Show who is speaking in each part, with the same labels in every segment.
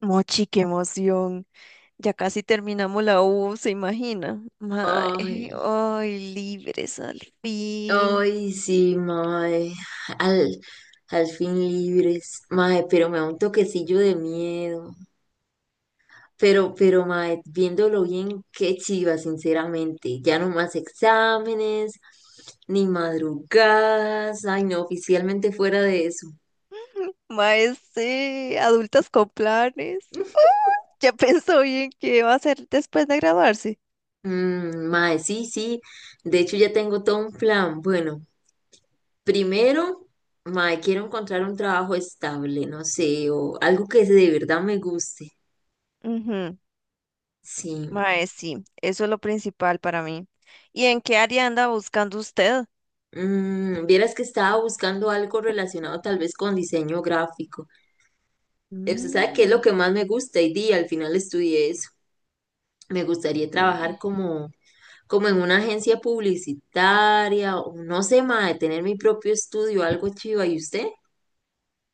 Speaker 1: Mochi, qué emoción. Ya casi terminamos la U, ¿se imagina? Mae,
Speaker 2: Ay,
Speaker 1: ay, libres al fin.
Speaker 2: ay, sí, mae. Al, al fin libres, mae, pero me da un toquecillo de miedo. Pero, mae, viéndolo bien, qué chiva, sinceramente. Ya no más exámenes, ni madrugadas. Ay, no, oficialmente fuera de eso.
Speaker 1: Mae, sí, adultas con planes. Ya pensó bien qué va a hacer después de graduarse.
Speaker 2: Mae, sí, sí. De hecho, ya tengo todo un plan. Bueno, primero, mae, quiero encontrar un trabajo estable, no sé, o algo que de verdad me guste.
Speaker 1: Ujú.
Speaker 2: Sí.
Speaker 1: Mae, sí, eso es lo principal para mí. ¿Y en qué área anda buscando usted?
Speaker 2: Vieras que estaba buscando algo relacionado tal vez con diseño gráfico. Usted sabe qué es lo
Speaker 1: Mm,
Speaker 2: que más me gusta y di, al final estudié eso. Me gustaría trabajar
Speaker 1: sí.
Speaker 2: como en una agencia publicitaria o no sé, mae, tener mi propio estudio, algo chiva. ¿Y usted?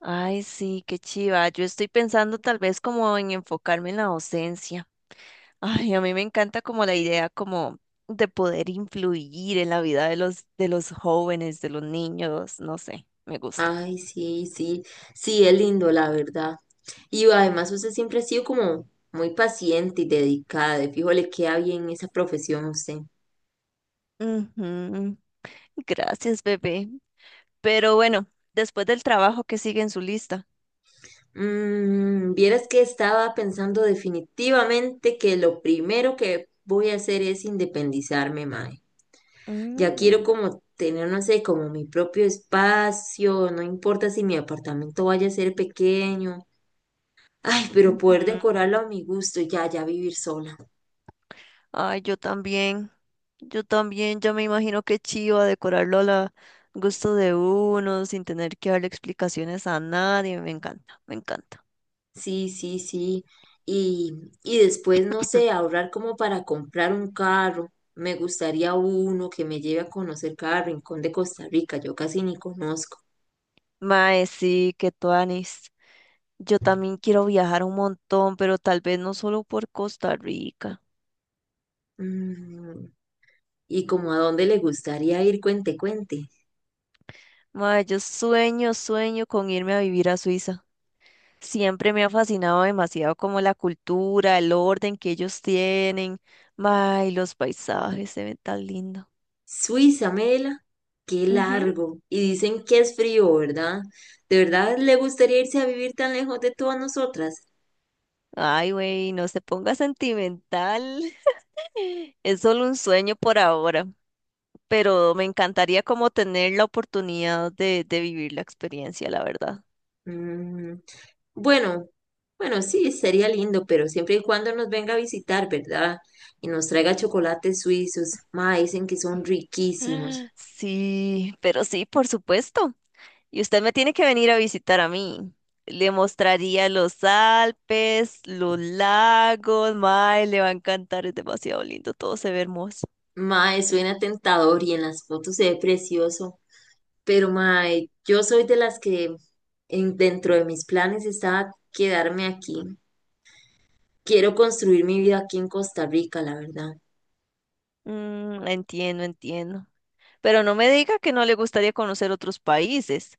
Speaker 1: Ay, sí, qué chiva. Yo estoy pensando tal vez como en enfocarme en la docencia. Ay, a mí me encanta como la idea como de poder influir en la vida de los jóvenes, de los niños, no sé, me gusta.
Speaker 2: Ay, sí, sí, sí, es lindo, la verdad. Y además usted siempre ha sido como muy paciente y dedicada. De fijo le queda bien esa profesión a usted.
Speaker 1: Ujú. Gracias, bebé. Pero bueno, después del trabajo que sigue en su lista.
Speaker 2: Vieras que estaba pensando definitivamente que lo primero que voy a hacer es independizarme, mae. Ya quiero
Speaker 1: Mm,
Speaker 2: como tener, no sé, como mi propio espacio, no importa si mi apartamento vaya a ser pequeño. Ay, pero poder
Speaker 1: ujú.
Speaker 2: decorarlo a mi gusto, y ya, ya vivir sola.
Speaker 1: Ay, yo también. Yo también ya me imagino que chiva decorarlo a la gusto de uno, sin tener que darle explicaciones a nadie. Me encanta, me encanta.
Speaker 2: Sí, sí, sí. Y, y después, no sé, ahorrar como para comprar un carro. Me gustaría uno que me lleve a conocer cada rincón de Costa Rica, yo casi ni conozco.
Speaker 1: Mae, sí, que tuanis. Yo también quiero viajar un montón, pero tal vez no solo por Costa Rica.
Speaker 2: Mm, ¿Y como a dónde le gustaría ir? Cuente, cuente.
Speaker 1: Mae, yo sueño, sueño con irme a vivir a Suiza. Siempre me ha fascinado demasiado como la cultura, el orden que ellos tienen. Mae, los paisajes se ven tan lindo.
Speaker 2: Suiza, Mela, qué
Speaker 1: Ujú.
Speaker 2: largo. Y dicen que es frío, ¿verdad? ¿De verdad le gustaría irse a vivir tan lejos de todas nosotras?
Speaker 1: Ay, güey, no se ponga sentimental. Es solo un sueño por ahora, pero me encantaría como tener la oportunidad de vivir la experiencia, la verdad.
Speaker 2: Mm, bueno, bueno, sí, sería lindo, pero siempre y cuando nos venga a visitar, ¿verdad? Y nos traiga chocolates suizos. Ma, dicen que son riquísimos.
Speaker 1: Sí, pero sí, por supuesto. Y usted me tiene que venir a visitar a mí. Le mostraría los Alpes, los lagos, mae, le va a encantar, es demasiado lindo, todo se ve hermoso.
Speaker 2: Ma, suena tentador y en las fotos se ve precioso. Pero, mae, yo soy de las que dentro de mis planes está quedarme aquí. Quiero construir mi vida aquí en Costa Rica, la verdad.
Speaker 1: Mm, entiendo, entiendo. Pero no me diga que no le gustaría conocer otros países.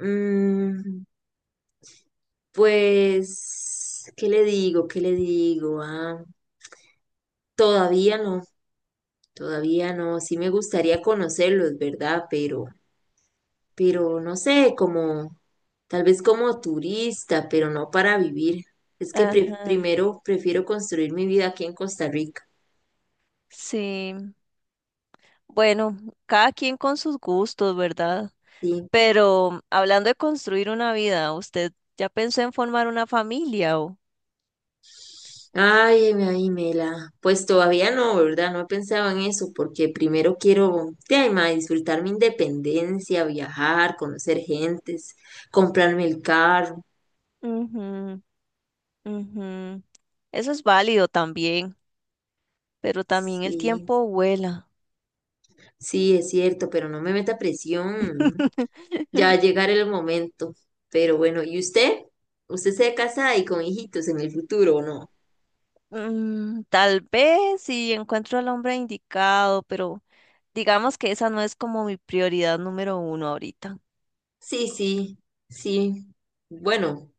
Speaker 2: Mm, pues, ¿qué le digo? ¿Qué le digo? Ah, todavía no, todavía no. Sí me gustaría conocerlos, ¿verdad? Pero no sé, como tal vez como turista, pero no para vivir. Es que
Speaker 1: Ajá.
Speaker 2: primero prefiero construir mi vida aquí en Costa Rica.
Speaker 1: Sí, bueno, cada quien con sus gustos, ¿verdad?
Speaker 2: Sí.
Speaker 1: Pero hablando de construir una vida, ¿usted ya pensó en formar una familia? O...
Speaker 2: Ay, ay, Mela. Pues todavía no, ¿verdad? No he pensado en eso porque primero quiero, de ay, ma, disfrutar mi independencia, viajar, conocer gentes, comprarme el carro.
Speaker 1: Ujú, ujú. Eso es válido también, pero también el
Speaker 2: Sí,
Speaker 1: tiempo vuela.
Speaker 2: sí, es cierto, pero no me meta presión. Ya va a llegar el momento. Pero bueno, ¿y usted? ¿Usted se casa y con hijitos en el futuro o no?
Speaker 1: Mm, tal vez si encuentro al hombre indicado, pero digamos que esa no es como mi prioridad número uno ahorita.
Speaker 2: Sí, sí, sí. Bueno,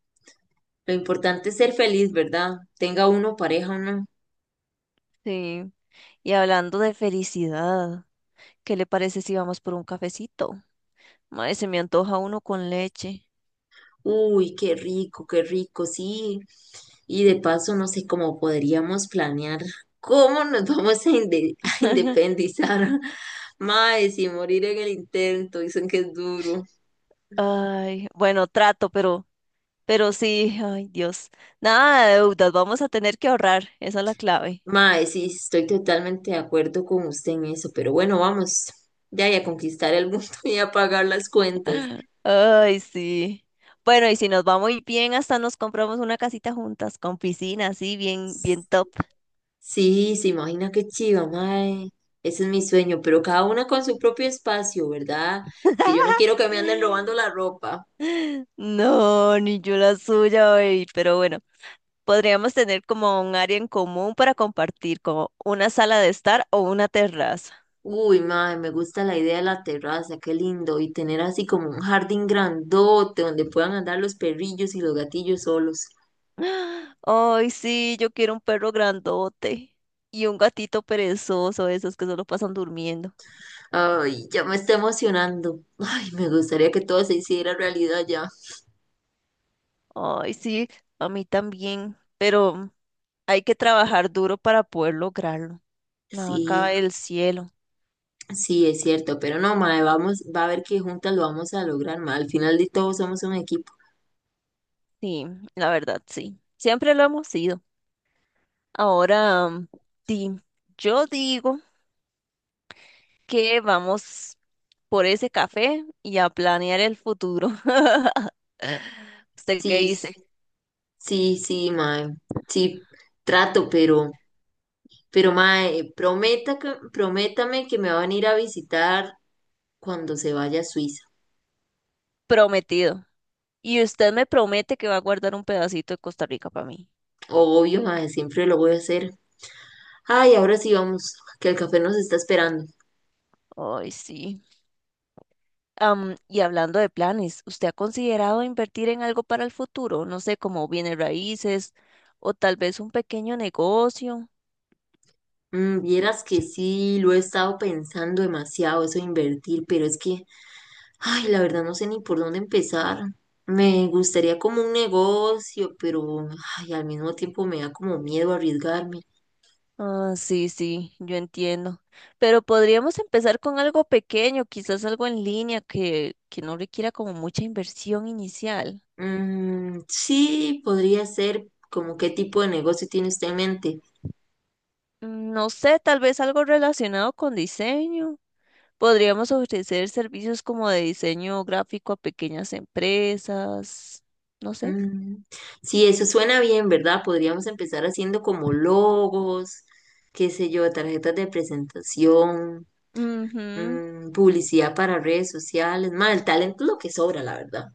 Speaker 2: lo importante es ser feliz, ¿verdad? Tenga uno pareja o no.
Speaker 1: Sí. Y hablando de felicidad, ¿qué le parece si vamos por un cafecito? Madre, se me antoja uno con leche.
Speaker 2: Uy, qué rico, sí. Y de paso, no sé cómo podríamos planear cómo nos vamos a independizar. Mae, sin morir en el intento, dicen que es duro.
Speaker 1: Ay, bueno, trato, pero sí, ay Dios, nada de deudas, vamos a tener que ahorrar, esa es la clave.
Speaker 2: Mae, sí, estoy totalmente de acuerdo con usted en eso, pero bueno, vamos ya y a conquistar el mundo y a pagar las cuentas.
Speaker 1: Ay, sí. Bueno, y si nos va muy bien, hasta nos compramos una casita juntas, con piscina, así, bien, bien top.
Speaker 2: Sí, se imagina qué chiva, mae. Ese es mi sueño, pero cada una con su propio espacio, ¿verdad? Que yo no quiero que me anden robando la ropa.
Speaker 1: No, ni yo la suya, baby, pero bueno, podríamos tener como un área en común para compartir, como una sala de estar o una terraza.
Speaker 2: Uy, mae, me gusta la idea de la terraza, qué lindo. Y tener así como un jardín grandote donde puedan andar los perrillos y los gatillos solos.
Speaker 1: Ay, sí, yo quiero un perro grandote y un gatito perezoso, esos que solo pasan durmiendo.
Speaker 2: Ay, ya me está emocionando. Ay, me gustaría que todo se hiciera realidad ya.
Speaker 1: Ay, sí, a mí también, pero hay que trabajar duro para poder lograrlo. Nada
Speaker 2: Sí,
Speaker 1: cae del cielo.
Speaker 2: sí, es cierto, pero no, mae, vamos, va a ver que juntas lo vamos a lograr, mae. Al final de todo somos un equipo.
Speaker 1: Sí, la verdad, sí. Siempre lo hemos sido. Ahora, mm, sí, yo digo que vamos por ese café y a planear el futuro. ¿Usted qué
Speaker 2: Sí,
Speaker 1: dice?
Speaker 2: sí, sí, sí, mae. Sí, trato, pero mae, prometa prométame que me van a ir a visitar cuando se vaya a Suiza.
Speaker 1: Prometido. Y usted me promete que va a guardar un pedacito de Costa Rica para mí.
Speaker 2: Obvio, mae, siempre lo voy a hacer. Ay, ahora sí vamos, que el café nos está esperando.
Speaker 1: Ay, sí. Am, y hablando de planes, ¿usted ha considerado invertir en algo para el futuro? No sé, como bienes raíces o tal vez un pequeño negocio.
Speaker 2: Vieras que sí, lo he estado pensando demasiado, eso de invertir, pero es que, ay, la verdad no sé ni por dónde empezar. Me gustaría como un negocio, pero, ay, al mismo tiempo me da como miedo arriesgarme.
Speaker 1: Ah, sí, sí, yo entiendo. Pero podríamos empezar con algo pequeño, quizás algo en línea que no requiera como mucha inversión inicial.
Speaker 2: Mm, sí, podría ser como qué tipo de negocio tiene usted en mente.
Speaker 1: Mm, no sé, tal vez algo relacionado con diseño. Podríamos ofrecer servicios como de diseño gráfico a pequeñas empresas. No sé.
Speaker 2: Mm, sí, eso suena bien, ¿verdad? Podríamos empezar haciendo como logos, qué sé yo, tarjetas de presentación,
Speaker 1: Ujú.
Speaker 2: publicidad para redes sociales. Más, el talento es lo que sobra, la verdad.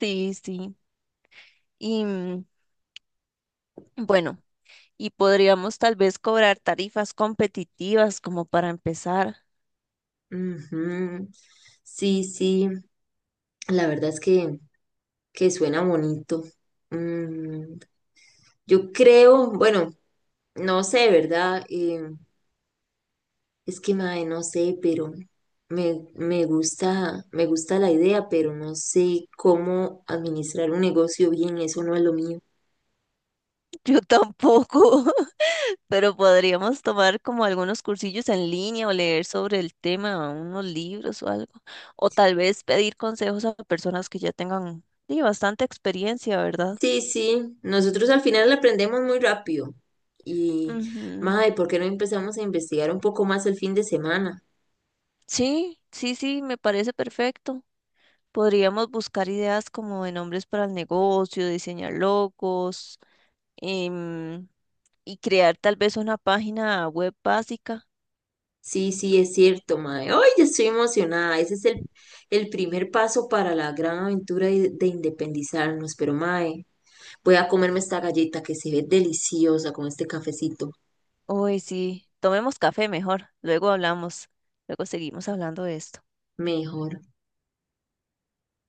Speaker 1: Sí, sí. Y mm, bueno, y podríamos tal vez cobrar tarifas competitivas como para empezar.
Speaker 2: Ujú. Sí, sí, la verdad es que suena bonito. Mm, yo creo, bueno, no sé, ¿verdad? Es que, mae, no sé, pero me gusta, me gusta la idea, pero no sé cómo administrar un negocio bien, eso no es lo mío.
Speaker 1: Yo tampoco. Pero podríamos tomar como algunos cursillos en línea o leer sobre el tema, unos libros o algo. O tal vez pedir consejos a personas que ya tengan sí, bastante experiencia, ¿verdad?
Speaker 2: Sí, sí, nosotros al final aprendemos muy rápido. Y,
Speaker 1: Ujú.
Speaker 2: mae, ¿por qué no empezamos a investigar un poco más el fin de semana?
Speaker 1: Sí, sí, sí, me parece perfecto. Podríamos buscar ideas como de nombres para el negocio, diseñar logos em, y crear tal vez una página web básica.
Speaker 2: Sí, sí, es cierto, mae. Hoy ya estoy emocionada. Ese es el primer paso para la gran aventura de independizarnos. Pero, mae, voy a comerme esta galleta que se ve deliciosa con este cafecito.
Speaker 1: Uy, sí, tomemos café mejor, luego hablamos, luego seguimos hablando de esto.
Speaker 2: Mejor.